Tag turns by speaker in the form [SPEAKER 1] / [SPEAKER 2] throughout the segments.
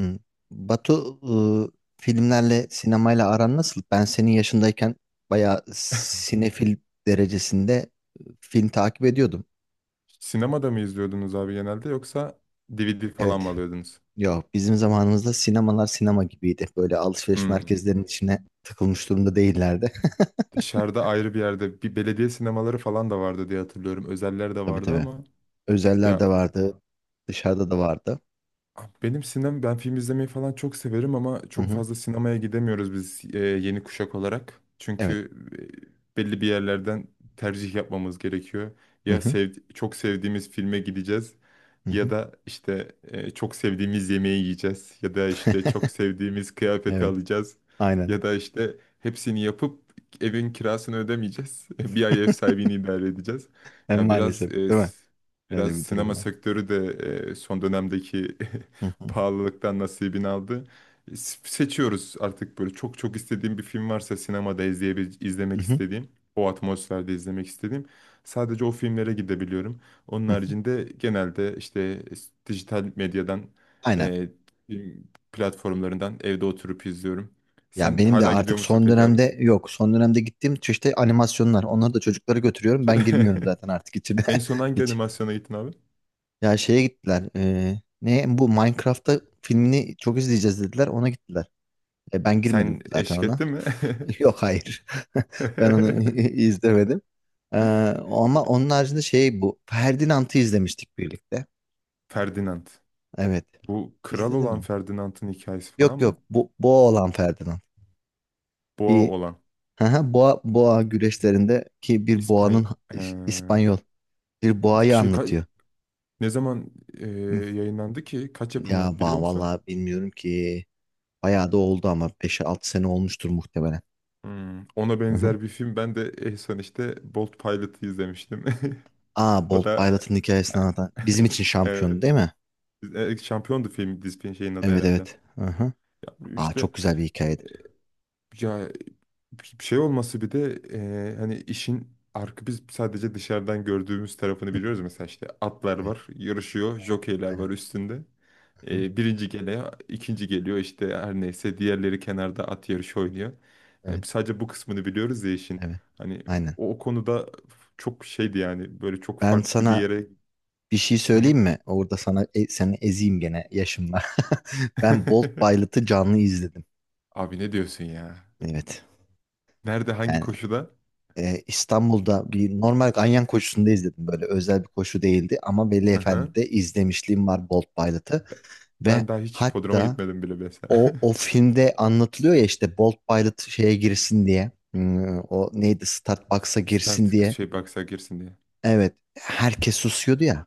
[SPEAKER 1] Hı. Batu, filmlerle, sinemayla aran nasıl? Ben senin yaşındayken bayağı sinefil derecesinde film takip ediyordum.
[SPEAKER 2] Sinemada mı izliyordunuz abi genelde yoksa DVD falan mı
[SPEAKER 1] Evet.
[SPEAKER 2] alıyordunuz?
[SPEAKER 1] Yo, bizim zamanımızda sinemalar sinema gibiydi. Böyle alışveriş
[SPEAKER 2] Hmm.
[SPEAKER 1] merkezlerinin içine tıkılmış durumda değillerdi.
[SPEAKER 2] Dışarıda ayrı bir yerde bir belediye sinemaları falan da vardı diye hatırlıyorum. Özeller de
[SPEAKER 1] Tabii
[SPEAKER 2] vardı
[SPEAKER 1] tabii.
[SPEAKER 2] ama
[SPEAKER 1] Özeller de
[SPEAKER 2] ya
[SPEAKER 1] vardı. Dışarıda da vardı.
[SPEAKER 2] abi. Benim sinem ben film izlemeyi falan çok severim ama
[SPEAKER 1] Hı
[SPEAKER 2] çok
[SPEAKER 1] hı.
[SPEAKER 2] fazla sinemaya gidemiyoruz biz yeni kuşak olarak.
[SPEAKER 1] Evet.
[SPEAKER 2] Çünkü belli bir yerlerden tercih yapmamız gerekiyor.
[SPEAKER 1] Hı hı.
[SPEAKER 2] Çok sevdiğimiz filme gideceğiz
[SPEAKER 1] Hı
[SPEAKER 2] ya
[SPEAKER 1] hı.
[SPEAKER 2] da işte çok sevdiğimiz yemeği yiyeceğiz ya da işte çok sevdiğimiz kıyafeti
[SPEAKER 1] Evet.
[SPEAKER 2] alacağız
[SPEAKER 1] Aynen.
[SPEAKER 2] ya da işte hepsini yapıp evin kirasını ödemeyeceğiz. Bir ay ev sahibini idare edeceğiz. Ya biraz
[SPEAKER 1] Maalesef,
[SPEAKER 2] e,
[SPEAKER 1] değil mi?
[SPEAKER 2] s-
[SPEAKER 1] Öyle
[SPEAKER 2] Biraz
[SPEAKER 1] bir
[SPEAKER 2] sinema
[SPEAKER 1] durum var.
[SPEAKER 2] sektörü de son dönemdeki
[SPEAKER 1] Hı hı.
[SPEAKER 2] pahalılıktan nasibini aldı. Seçiyoruz artık, böyle çok çok istediğim bir film varsa sinemada
[SPEAKER 1] Hı
[SPEAKER 2] izlemek
[SPEAKER 1] hı.
[SPEAKER 2] istediğim, o atmosferde izlemek istediğim, sadece o filmlere gidebiliyorum. Onun
[SPEAKER 1] Hı hı.
[SPEAKER 2] haricinde genelde işte dijital medyadan,
[SPEAKER 1] Aynen.
[SPEAKER 2] e, film platformlarından evde oturup izliyorum.
[SPEAKER 1] Ya
[SPEAKER 2] Sen
[SPEAKER 1] benim de
[SPEAKER 2] hala
[SPEAKER 1] artık
[SPEAKER 2] gidiyor musun
[SPEAKER 1] son
[SPEAKER 2] peki abi?
[SPEAKER 1] dönemde yok. Son dönemde gittiğim çeşitli animasyonlar. Onları da çocuklara götürüyorum. Ben girmiyorum zaten artık içine.
[SPEAKER 2] En son hangi
[SPEAKER 1] Hiç.
[SPEAKER 2] animasyona gittin abi?
[SPEAKER 1] Ya şeye gittiler. Ne bu Minecraft'ta filmini çok izleyeceğiz dediler. Ona gittiler. Ben girmedim
[SPEAKER 2] Sen
[SPEAKER 1] zaten
[SPEAKER 2] eşlik
[SPEAKER 1] ona.
[SPEAKER 2] ettin mi?
[SPEAKER 1] Yok hayır. Ben onu izlemedim. Ee, Ama onun haricinde şey bu. Ferdinand'ı izlemiştik birlikte.
[SPEAKER 2] Ferdinand.
[SPEAKER 1] Evet.
[SPEAKER 2] Bu kral
[SPEAKER 1] İzledin
[SPEAKER 2] olan
[SPEAKER 1] mi?
[SPEAKER 2] Ferdinand'ın hikayesi falan
[SPEAKER 1] Yok
[SPEAKER 2] mı?
[SPEAKER 1] yok. Bu, bu olan Ferdinand.
[SPEAKER 2] Boğa
[SPEAKER 1] Bir
[SPEAKER 2] olan
[SPEAKER 1] Hı hı, boğa güreşlerinde ki bir
[SPEAKER 2] İspanya
[SPEAKER 1] boğanın İspanyol bir boğayı
[SPEAKER 2] şey ka-
[SPEAKER 1] anlatıyor.
[SPEAKER 2] ne zaman
[SPEAKER 1] Hı.
[SPEAKER 2] yayınlandı ki? Kaç yapımı
[SPEAKER 1] Ya
[SPEAKER 2] at biliyor musun?
[SPEAKER 1] vallahi bilmiyorum ki. Bayağı da oldu ama beş altı sene olmuştur muhtemelen.
[SPEAKER 2] Hmm, ona
[SPEAKER 1] Hı hı.
[SPEAKER 2] benzer bir film ben de en son işte Bolt Pilot'ı izlemiştim.
[SPEAKER 1] Aa
[SPEAKER 2] O
[SPEAKER 1] Bolt
[SPEAKER 2] da
[SPEAKER 1] Pilot'ın hikayesini anlatan. Bizim için
[SPEAKER 2] evet,
[SPEAKER 1] şampiyon değil mi?
[SPEAKER 2] şampiyondu film dizinin şeyin adı
[SPEAKER 1] Evet
[SPEAKER 2] herhalde.
[SPEAKER 1] evet. Hı hı.
[SPEAKER 2] Ya bu
[SPEAKER 1] Aa
[SPEAKER 2] işte
[SPEAKER 1] çok güzel bir
[SPEAKER 2] e,
[SPEAKER 1] hikayedir.
[SPEAKER 2] ya şey olması, bir de hani işin biz sadece dışarıdan gördüğümüz tarafını
[SPEAKER 1] Hı,
[SPEAKER 2] biliyoruz. Mesela işte atlar
[SPEAKER 1] evet
[SPEAKER 2] var, yarışıyor, jokeyler
[SPEAKER 1] aynen.
[SPEAKER 2] var üstünde.
[SPEAKER 1] Hı hı.
[SPEAKER 2] Birinci geliyor, ikinci geliyor işte, her neyse diğerleri kenarda at yarışı oynuyor. Hani
[SPEAKER 1] Evet
[SPEAKER 2] biz sadece bu kısmını biliyoruz ya işin.
[SPEAKER 1] evet.
[SPEAKER 2] Hani
[SPEAKER 1] Aynen.
[SPEAKER 2] o konuda çok şeydi, yani böyle çok
[SPEAKER 1] Ben
[SPEAKER 2] farklı bir
[SPEAKER 1] sana
[SPEAKER 2] yere.
[SPEAKER 1] bir şey
[SPEAKER 2] Hı
[SPEAKER 1] söyleyeyim
[SPEAKER 2] hı.
[SPEAKER 1] mi? Orada sana seni ezeyim gene yaşımla. Ben Bolt Pilot'ı canlı izledim.
[SPEAKER 2] Abi, ne diyorsun ya?
[SPEAKER 1] Evet.
[SPEAKER 2] Nerede, hangi
[SPEAKER 1] Yani
[SPEAKER 2] koşuda?
[SPEAKER 1] İstanbul'da bir normal ganyan koşusunda izledim. Böyle özel bir koşu değildi ama Veli
[SPEAKER 2] Hı hı.
[SPEAKER 1] Efendi'de izlemişliğim var Bolt Pilot'ı ve
[SPEAKER 2] Ben daha hiç hipodroma
[SPEAKER 1] hatta
[SPEAKER 2] gitmedim bile mesela.
[SPEAKER 1] o filmde anlatılıyor ya işte Bolt Pilot şeye girsin diye o neydi Startbox'a girsin
[SPEAKER 2] Start
[SPEAKER 1] diye
[SPEAKER 2] şey, baksa girsin diye.
[SPEAKER 1] evet herkes susuyordu ya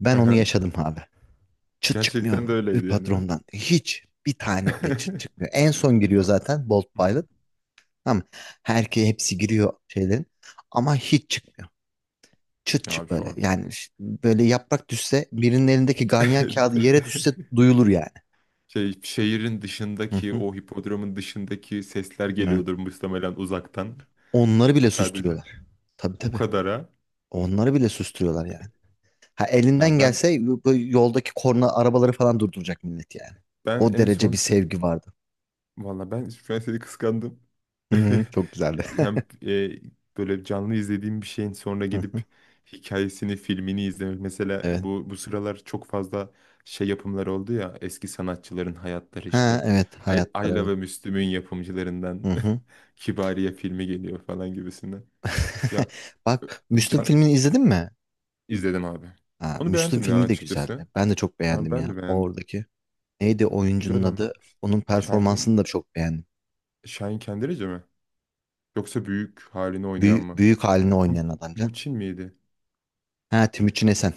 [SPEAKER 1] ben onu
[SPEAKER 2] Aha.
[SPEAKER 1] yaşadım abi. Çıt çıkmıyor
[SPEAKER 2] Gerçekten de
[SPEAKER 1] bir
[SPEAKER 2] öyleydi yani.
[SPEAKER 1] patrondan hiç bir tane bile çıt çıkmıyor. En son giriyor
[SPEAKER 2] Ya.
[SPEAKER 1] zaten Bolt Pilot.
[SPEAKER 2] Mhm.
[SPEAKER 1] Tamam. Herkes hepsi giriyor şeylerin ama hiç çıkmıyor. Çıt
[SPEAKER 2] Ya
[SPEAKER 1] çıt
[SPEAKER 2] abi şu
[SPEAKER 1] böyle.
[SPEAKER 2] abi.
[SPEAKER 1] Yani böyle yaprak düşse birinin elindeki ganyan kağıdı yere düşse duyulur yani.
[SPEAKER 2] Şey, şehrin
[SPEAKER 1] Hı
[SPEAKER 2] dışındaki,
[SPEAKER 1] hı.
[SPEAKER 2] o hipodromun dışındaki sesler
[SPEAKER 1] Evet.
[SPEAKER 2] geliyordur muhtemelen uzaktan
[SPEAKER 1] Onları bile
[SPEAKER 2] sadece.
[SPEAKER 1] susturuyorlar. Tabii
[SPEAKER 2] O
[SPEAKER 1] tabii.
[SPEAKER 2] kadara.
[SPEAKER 1] Onları bile susturuyorlar yani. Ha elinden
[SPEAKER 2] Ya ben
[SPEAKER 1] gelse bu yoldaki korna arabaları falan durduracak millet yani.
[SPEAKER 2] ben
[SPEAKER 1] O
[SPEAKER 2] en
[SPEAKER 1] derece
[SPEAKER 2] son
[SPEAKER 1] bir
[SPEAKER 2] sin-
[SPEAKER 1] sevgi vardı.
[SPEAKER 2] Valla ben şu an seni kıskandım.
[SPEAKER 1] Hı hı. Çok güzeldi.
[SPEAKER 2] Hem böyle canlı izlediğim bir şeyin sonra
[SPEAKER 1] Hı hı.
[SPEAKER 2] gidip hikayesini, filmini izlemek. Mesela
[SPEAKER 1] Evet.
[SPEAKER 2] bu sıralar çok fazla şey yapımları oldu ya, eski sanatçıların hayatları
[SPEAKER 1] Ha
[SPEAKER 2] işte.
[SPEAKER 1] evet
[SPEAKER 2] Ay,
[SPEAKER 1] hayatlar
[SPEAKER 2] Ayla
[SPEAKER 1] evet.
[SPEAKER 2] ve Müslüm'ün yapımcılarından
[SPEAKER 1] Hı hı.
[SPEAKER 2] Kibariye filmi geliyor falan gibisinden. Ya
[SPEAKER 1] Bak
[SPEAKER 2] e,
[SPEAKER 1] Müslüm
[SPEAKER 2] can
[SPEAKER 1] filmini izledin mi?
[SPEAKER 2] izledim abi.
[SPEAKER 1] Ha,
[SPEAKER 2] Onu
[SPEAKER 1] Müslüm
[SPEAKER 2] beğendim ya,
[SPEAKER 1] filmi de güzeldi.
[SPEAKER 2] açıkçası.
[SPEAKER 1] Ben de çok
[SPEAKER 2] Ben,
[SPEAKER 1] beğendim
[SPEAKER 2] ben
[SPEAKER 1] ya
[SPEAKER 2] de beğendim.
[SPEAKER 1] oradaki. Neydi
[SPEAKER 2] Güzel
[SPEAKER 1] oyuncunun adı?
[SPEAKER 2] anlatmış.
[SPEAKER 1] Onun
[SPEAKER 2] Şahin
[SPEAKER 1] performansını da çok beğendim.
[SPEAKER 2] Şahin Kendirici mi? Yoksa büyük halini oynayan
[SPEAKER 1] Büyük,
[SPEAKER 2] mı?
[SPEAKER 1] büyük halini oynayan
[SPEAKER 2] Timuçin
[SPEAKER 1] adamca.
[SPEAKER 2] Timuçin miydi?
[SPEAKER 1] Ha Timuçin Esen.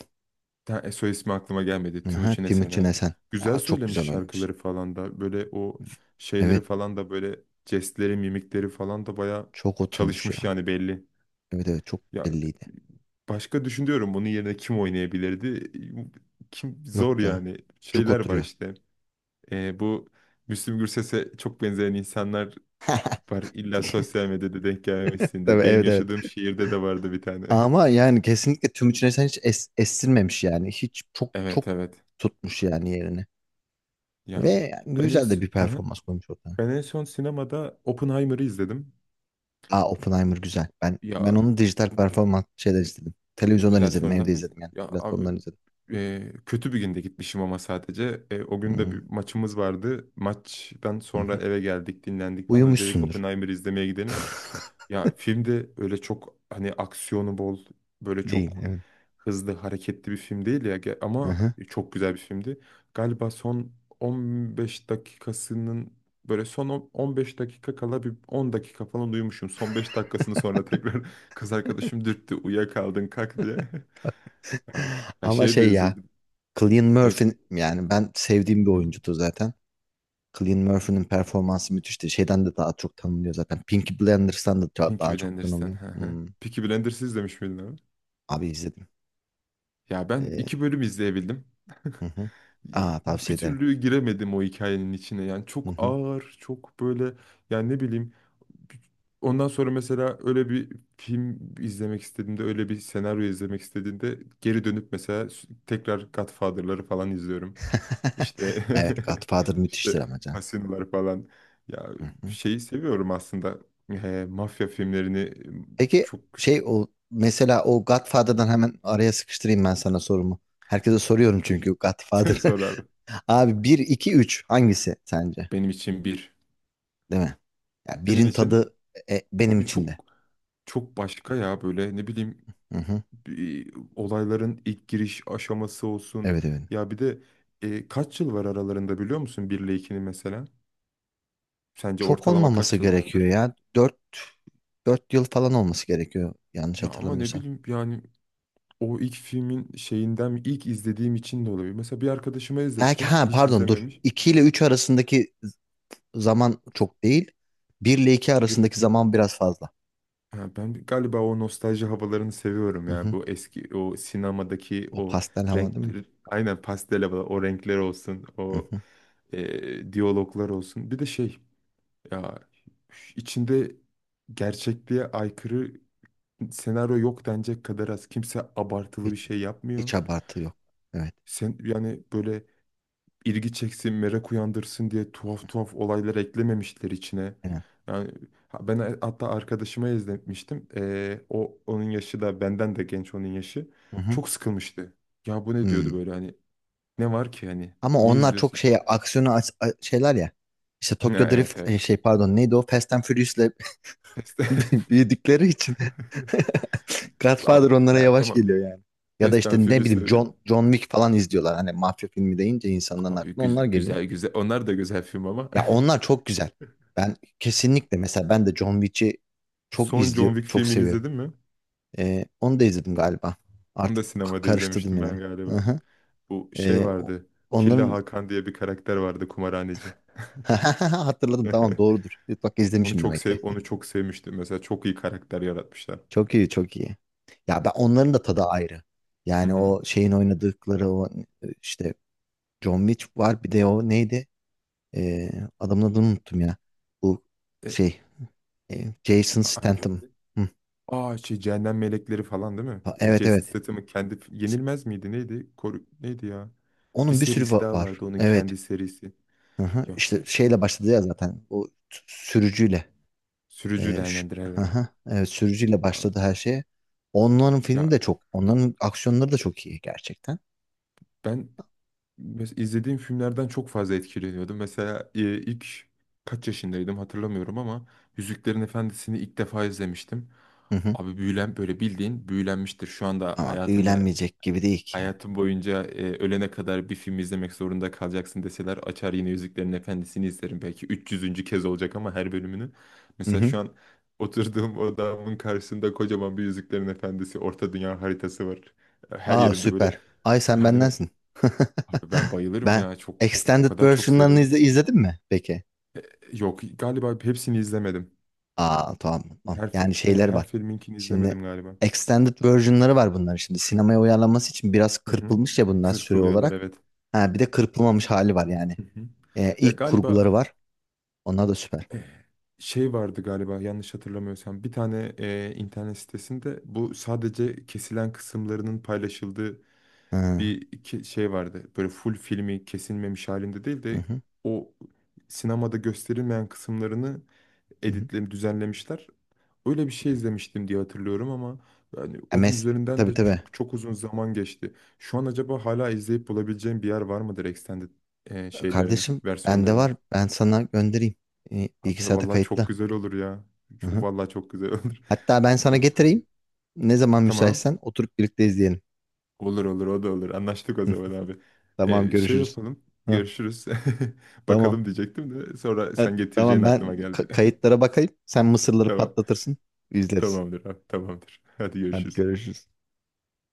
[SPEAKER 2] Ha, soy ismi aklıma gelmedi.
[SPEAKER 1] Ha
[SPEAKER 2] Timuçin Esen,
[SPEAKER 1] Timuçin
[SPEAKER 2] evet.
[SPEAKER 1] Esen.
[SPEAKER 2] Güzel
[SPEAKER 1] Ya, çok
[SPEAKER 2] söylemiş
[SPEAKER 1] güzel oynamış.
[SPEAKER 2] şarkıları falan da. Böyle o şeyleri
[SPEAKER 1] Evet.
[SPEAKER 2] falan da, böyle jestleri, mimikleri falan da baya
[SPEAKER 1] Çok oturmuş
[SPEAKER 2] çalışmış,
[SPEAKER 1] ya.
[SPEAKER 2] yani belli.
[SPEAKER 1] Evet evet çok
[SPEAKER 2] Ya
[SPEAKER 1] belliydi.
[SPEAKER 2] başka düşünüyorum, bunun yerine kim oynayabilirdi? Kim, zor
[SPEAKER 1] Yok ya.
[SPEAKER 2] yani.
[SPEAKER 1] Cuk
[SPEAKER 2] Şeyler var
[SPEAKER 1] oturuyor.
[SPEAKER 2] işte. Bu Müslüm Gürses'e çok benzeyen insanlar var. İlla sosyal medyada denk
[SPEAKER 1] Tabii,
[SPEAKER 2] gelmemişsindir. Benim
[SPEAKER 1] evet evet.
[SPEAKER 2] yaşadığım şehirde de vardı bir tane.
[SPEAKER 1] Ama yani kesinlikle Timuçin Esen hiç estirmemiş yani. Hiç çok çok
[SPEAKER 2] Evet, evet.
[SPEAKER 1] tutmuş yani yerini. Ve
[SPEAKER 2] Ya
[SPEAKER 1] yani güzel de bir
[SPEAKER 2] Hı hı.
[SPEAKER 1] performans koymuş ortaya.
[SPEAKER 2] Ben en son sinemada Oppenheimer'ı izledim.
[SPEAKER 1] Aa Oppenheimer güzel. Ben
[SPEAKER 2] Ya
[SPEAKER 1] onu dijital performans şeyler izledim. Televizyondan izledim, evde
[SPEAKER 2] platformdan mı
[SPEAKER 1] izledim
[SPEAKER 2] izledim?
[SPEAKER 1] yani.
[SPEAKER 2] Ya abi,
[SPEAKER 1] Platformdan izledim.
[SPEAKER 2] kötü bir günde gitmişim ama sadece. E, o gün de
[SPEAKER 1] Hmm,
[SPEAKER 2] bir maçımız vardı. Maçtan
[SPEAKER 1] hı
[SPEAKER 2] sonra
[SPEAKER 1] hı.
[SPEAKER 2] eve geldik, dinlendik falan. Hadi dedik,
[SPEAKER 1] Uyumuşsundur.
[SPEAKER 2] Oppenheimer'ı izlemeye gidelim. Ya filmde öyle çok hani aksiyonu bol, böyle
[SPEAKER 1] Değil,
[SPEAKER 2] çok
[SPEAKER 1] evet.
[SPEAKER 2] hızlı hareketli bir film değil ya.
[SPEAKER 1] Hı
[SPEAKER 2] Ama
[SPEAKER 1] hı.
[SPEAKER 2] çok güzel bir filmdi. Galiba son 15 dakikasının böyle, 15 dakika kala bir 10 dakika falan uyumuşum. Son 5 dakikasını sonra tekrar kız arkadaşım dürttü, uyuyakaldın kalk diye. Abi, ya
[SPEAKER 1] Ama
[SPEAKER 2] şeye de
[SPEAKER 1] şey ya,
[SPEAKER 2] üzüldüm.
[SPEAKER 1] Cillian
[SPEAKER 2] Evet,
[SPEAKER 1] Murphy yani ben
[SPEAKER 2] hı
[SPEAKER 1] sevdiğim bir
[SPEAKER 2] hı.
[SPEAKER 1] oyuncudur zaten. Cillian Murphy'nin performansı müthişti. Şeyden de daha çok tanınıyor zaten. Peaky Blinders'tan da daha
[SPEAKER 2] Peaky
[SPEAKER 1] daha çok
[SPEAKER 2] Blinders'ten.
[SPEAKER 1] tanınıyor.
[SPEAKER 2] Hı hı.
[SPEAKER 1] Hmm,
[SPEAKER 2] Peaky Blinders izlemiş miydin abi?
[SPEAKER 1] abi izledim.
[SPEAKER 2] Ya ben
[SPEAKER 1] Ee,
[SPEAKER 2] iki bölüm izleyebildim,
[SPEAKER 1] hı hı. Aa tavsiye
[SPEAKER 2] bir
[SPEAKER 1] ederim.
[SPEAKER 2] türlü giremedim o hikayenin içine. Yani
[SPEAKER 1] Hı
[SPEAKER 2] çok
[SPEAKER 1] hı.
[SPEAKER 2] ağır, çok böyle, yani ne bileyim. Ondan sonra mesela öyle bir film izlemek istediğimde, öyle bir senaryo izlemek istediğimde geri dönüp mesela tekrar Godfather'ları falan izliyorum. İşte
[SPEAKER 1] Evet, Godfather müthiştir
[SPEAKER 2] işte
[SPEAKER 1] ama can.
[SPEAKER 2] kasinolar falan. Ya
[SPEAKER 1] Hı hı.
[SPEAKER 2] şeyi seviyorum aslında. Mafya filmlerini
[SPEAKER 1] Peki
[SPEAKER 2] çok
[SPEAKER 1] şey o mesela o Godfather'dan hemen araya sıkıştırayım ben sana sorumu. Herkese soruyorum çünkü Godfather.
[SPEAKER 2] sonra
[SPEAKER 1] Abi bir 2 3 hangisi sence?
[SPEAKER 2] benim için bir.
[SPEAKER 1] Değil mi? Ya
[SPEAKER 2] Senin
[SPEAKER 1] birin
[SPEAKER 2] için?
[SPEAKER 1] tadı benim
[SPEAKER 2] Abi,
[SPEAKER 1] içinde.
[SPEAKER 2] çok çok başka ya, böyle ne bileyim,
[SPEAKER 1] Hı hı.
[SPEAKER 2] bir olayların ilk giriş aşaması olsun.
[SPEAKER 1] Evet evet.
[SPEAKER 2] Ya bir de kaç yıl var aralarında biliyor musun 1 ile 2'nin mesela? Sence
[SPEAKER 1] Çok
[SPEAKER 2] ortalama
[SPEAKER 1] olmaması
[SPEAKER 2] kaç yıl
[SPEAKER 1] gerekiyor
[SPEAKER 2] vardır?
[SPEAKER 1] ya. Dört yıl falan olması gerekiyor yanlış
[SPEAKER 2] Ya ama ne
[SPEAKER 1] hatırlamıyorsam.
[SPEAKER 2] bileyim yani, o ilk filmin şeyinden, ilk izlediğim için de olabilir. Mesela bir arkadaşıma
[SPEAKER 1] Belki
[SPEAKER 2] izlettim,
[SPEAKER 1] ha
[SPEAKER 2] hiç
[SPEAKER 1] pardon dur.
[SPEAKER 2] izlememiş.
[SPEAKER 1] İki ile 3 arasındaki zaman çok değil. Bir ile 2 arasındaki zaman biraz fazla.
[SPEAKER 2] Ha, ben galiba o nostalji havalarını seviyorum
[SPEAKER 1] Hı
[SPEAKER 2] ya.
[SPEAKER 1] hı.
[SPEAKER 2] Bu eski, o sinemadaki
[SPEAKER 1] O
[SPEAKER 2] o
[SPEAKER 1] pastel
[SPEAKER 2] renk,
[SPEAKER 1] hava değil mi?
[SPEAKER 2] aynen pastel havalar, o renkler olsun,
[SPEAKER 1] Hı
[SPEAKER 2] o
[SPEAKER 1] hı.
[SPEAKER 2] diyaloglar olsun. Bir de şey ya, içinde gerçekliğe aykırı senaryo yok denecek kadar az. Kimse abartılı bir
[SPEAKER 1] Hiç,
[SPEAKER 2] şey
[SPEAKER 1] hiç
[SPEAKER 2] yapmıyor.
[SPEAKER 1] abartı yok. Evet.
[SPEAKER 2] Sen yani böyle ilgi çeksin, merak uyandırsın diye tuhaf tuhaf olaylar eklememişler içine.
[SPEAKER 1] Aynen.
[SPEAKER 2] Yani hatta arkadaşıma izletmiştim. O, onun yaşı da benden de genç, onun yaşı.
[SPEAKER 1] Hı hı.
[SPEAKER 2] Çok sıkılmıştı. Ya bu ne
[SPEAKER 1] Hmm.
[SPEAKER 2] diyordu, böyle hani ne var ki, hani
[SPEAKER 1] Ama
[SPEAKER 2] ne
[SPEAKER 1] onlar çok
[SPEAKER 2] izliyorsun?
[SPEAKER 1] şey aksiyonu şeyler ya. İşte
[SPEAKER 2] Ya,
[SPEAKER 1] Tokyo
[SPEAKER 2] evet
[SPEAKER 1] Drift
[SPEAKER 2] evet.
[SPEAKER 1] şey pardon neydi o Fast and Furious'le
[SPEAKER 2] Fast and-
[SPEAKER 1] büyüdükleri için Godfather
[SPEAKER 2] Abi
[SPEAKER 1] onlara
[SPEAKER 2] ya,
[SPEAKER 1] yavaş
[SPEAKER 2] tamam.
[SPEAKER 1] geliyor yani. Ya da
[SPEAKER 2] Fast
[SPEAKER 1] işte
[SPEAKER 2] and
[SPEAKER 1] ne
[SPEAKER 2] Furious da
[SPEAKER 1] bileyim John Wick falan izliyorlar. Hani mafya filmi deyince insanların
[SPEAKER 2] abi
[SPEAKER 1] aklına onlar geliyor.
[SPEAKER 2] güzel, güzel. Onlar da güzel film ama.
[SPEAKER 1] Ya onlar çok güzel. Ben kesinlikle mesela ben de John Wick'i çok
[SPEAKER 2] Son
[SPEAKER 1] izliyor,
[SPEAKER 2] John Wick
[SPEAKER 1] çok
[SPEAKER 2] filmini
[SPEAKER 1] seviyorum.
[SPEAKER 2] izledin mi?
[SPEAKER 1] Onu da izledim galiba.
[SPEAKER 2] Onu
[SPEAKER 1] Artık
[SPEAKER 2] da sinemada
[SPEAKER 1] karıştırdım
[SPEAKER 2] izlemiştim
[SPEAKER 1] yani.
[SPEAKER 2] ben galiba. Bu şey
[SPEAKER 1] Ee, o-
[SPEAKER 2] vardı. Killa
[SPEAKER 1] onların
[SPEAKER 2] Hakan diye bir karakter vardı, kumarhaneci.
[SPEAKER 1] hatırladım tamam doğrudur. Bak
[SPEAKER 2] Onu
[SPEAKER 1] izlemişim
[SPEAKER 2] çok
[SPEAKER 1] demek ki.
[SPEAKER 2] sev onu çok sevmiştim. Mesela çok iyi karakter yaratmışlar.
[SPEAKER 1] Çok iyi çok iyi. Ya ben onların da tadı ayrı.
[SPEAKER 2] Hı
[SPEAKER 1] Yani
[SPEAKER 2] hı.
[SPEAKER 1] o şeyin oynadıkları o işte John Wick var bir de o neydi? Ee, Adamın adını unuttum ya. Bu
[SPEAKER 2] E,
[SPEAKER 1] şey Jason
[SPEAKER 2] a- a-
[SPEAKER 1] Statham. Hı.
[SPEAKER 2] aa Şey, Cehennem Melekleri falan değil mi?
[SPEAKER 1] Ha,
[SPEAKER 2] E,
[SPEAKER 1] evet
[SPEAKER 2] Jason
[SPEAKER 1] evet.
[SPEAKER 2] Statham'ın kendi, yenilmez miydi? Neydi? Koru, neydi ya? Bir
[SPEAKER 1] Onun bir sürü
[SPEAKER 2] serisi daha
[SPEAKER 1] var.
[SPEAKER 2] vardı, onun
[SPEAKER 1] Evet.
[SPEAKER 2] kendi serisi.
[SPEAKER 1] Hı hı.
[SPEAKER 2] Ya
[SPEAKER 1] İşte şeyle başladı ya zaten. Sürücüyle.
[SPEAKER 2] sürücü,
[SPEAKER 1] Ee, şu,
[SPEAKER 2] Land Driver'la.
[SPEAKER 1] aha, evet, sürücüyle
[SPEAKER 2] Abi
[SPEAKER 1] başladı her şey. Onların filmi
[SPEAKER 2] ya
[SPEAKER 1] de çok, onların aksiyonları da çok iyi gerçekten.
[SPEAKER 2] ben izlediğim filmlerden çok fazla etkileniyordum. Mesela ilk kaç yaşındaydım hatırlamıyorum ama Yüzüklerin Efendisi'ni ilk defa izlemiştim.
[SPEAKER 1] Hı hı.
[SPEAKER 2] Abi büyülen, böyle bildiğin büyülenmiştir. Şu anda
[SPEAKER 1] Ama
[SPEAKER 2] hayatımda
[SPEAKER 1] büyülenmeyecek gibi değil ki.
[SPEAKER 2] Hayatım boyunca ölene kadar bir film izlemek zorunda kalacaksın deseler, açar yine Yüzüklerin Efendisi'ni izlerim. Belki 300. kez olacak ama her bölümünü.
[SPEAKER 1] Hı
[SPEAKER 2] Mesela
[SPEAKER 1] hı.
[SPEAKER 2] şu an oturduğum odamın karşısında kocaman bir Yüzüklerin Efendisi orta dünya haritası var. Her
[SPEAKER 1] Aa
[SPEAKER 2] yerimde böyle
[SPEAKER 1] süper. Ay sen
[SPEAKER 2] aynen.
[SPEAKER 1] bendensin.
[SPEAKER 2] Abi ben bayılırım
[SPEAKER 1] Ben
[SPEAKER 2] ya. Çok o
[SPEAKER 1] extended
[SPEAKER 2] kadar çok
[SPEAKER 1] version'larını
[SPEAKER 2] seviyorum ki.
[SPEAKER 1] izledin mi peki?
[SPEAKER 2] Yok, galiba hepsini izlemedim.
[SPEAKER 1] Aa tamam, tamam. Yani şeyler
[SPEAKER 2] Her
[SPEAKER 1] var.
[SPEAKER 2] filminkini
[SPEAKER 1] Şimdi
[SPEAKER 2] izlemedim galiba.
[SPEAKER 1] extended version'ları var bunların. Şimdi sinemaya uyarlanması için biraz
[SPEAKER 2] Hı hı.
[SPEAKER 1] kırpılmış ya bunlar süre
[SPEAKER 2] Zırpılıyorlar,
[SPEAKER 1] olarak.
[SPEAKER 2] evet.
[SPEAKER 1] Ha, bir de kırpılmamış hali var yani.
[SPEAKER 2] Hı hı.
[SPEAKER 1] E,
[SPEAKER 2] Ya
[SPEAKER 1] ilk
[SPEAKER 2] galiba
[SPEAKER 1] kurguları var. Onlar da süper.
[SPEAKER 2] şey vardı, galiba yanlış hatırlamıyorsam bir tane internet sitesinde bu sadece kesilen kısımlarının paylaşıldığı
[SPEAKER 1] Ha,
[SPEAKER 2] bir şey vardı. Böyle full filmi kesilmemiş halinde değil
[SPEAKER 1] hı
[SPEAKER 2] de
[SPEAKER 1] hı,
[SPEAKER 2] o sinemada gösterilmeyen kısımlarını
[SPEAKER 1] hı hı.
[SPEAKER 2] editle düzenlemişler. Öyle bir şey izlemiştim diye hatırlıyorum ama yani
[SPEAKER 1] Ya
[SPEAKER 2] onun üzerinden
[SPEAKER 1] tabii
[SPEAKER 2] de
[SPEAKER 1] tabii.
[SPEAKER 2] çok, çok uzun zaman geçti. Şu an acaba hala izleyip bulabileceğim bir yer var mıdır Extended şeylerini,
[SPEAKER 1] Kardeşim bende
[SPEAKER 2] versiyonlarını?
[SPEAKER 1] var. Ben sana göndereyim. E,
[SPEAKER 2] Abi
[SPEAKER 1] bilgisayarda
[SPEAKER 2] vallahi
[SPEAKER 1] kayıtlı.
[SPEAKER 2] çok güzel olur ya.
[SPEAKER 1] Hı
[SPEAKER 2] Çok,
[SPEAKER 1] hı.
[SPEAKER 2] vallahi çok güzel olur.
[SPEAKER 1] Hatta ben sana
[SPEAKER 2] Otur.
[SPEAKER 1] getireyim. Ne zaman
[SPEAKER 2] Tamam.
[SPEAKER 1] müsaitsen oturup birlikte izleyelim.
[SPEAKER 2] Olur olur, o da olur. Anlaştık o
[SPEAKER 1] Hı,
[SPEAKER 2] zaman abi.
[SPEAKER 1] tamam
[SPEAKER 2] Şey
[SPEAKER 1] görüşürüz.
[SPEAKER 2] yapalım.
[SPEAKER 1] Hı,
[SPEAKER 2] Görüşürüz.
[SPEAKER 1] tamam.
[SPEAKER 2] Bakalım diyecektim de sonra
[SPEAKER 1] Ha,
[SPEAKER 2] sen getireceğin
[SPEAKER 1] tamam
[SPEAKER 2] aklıma
[SPEAKER 1] ben
[SPEAKER 2] geldi.
[SPEAKER 1] kayıtlara bakayım. Sen mısırları
[SPEAKER 2] Tamam.
[SPEAKER 1] patlatırsın. İzleriz.
[SPEAKER 2] Tamamdır abi. Tamamdır. Hadi
[SPEAKER 1] Hadi
[SPEAKER 2] görüşürüz.
[SPEAKER 1] görüşürüz.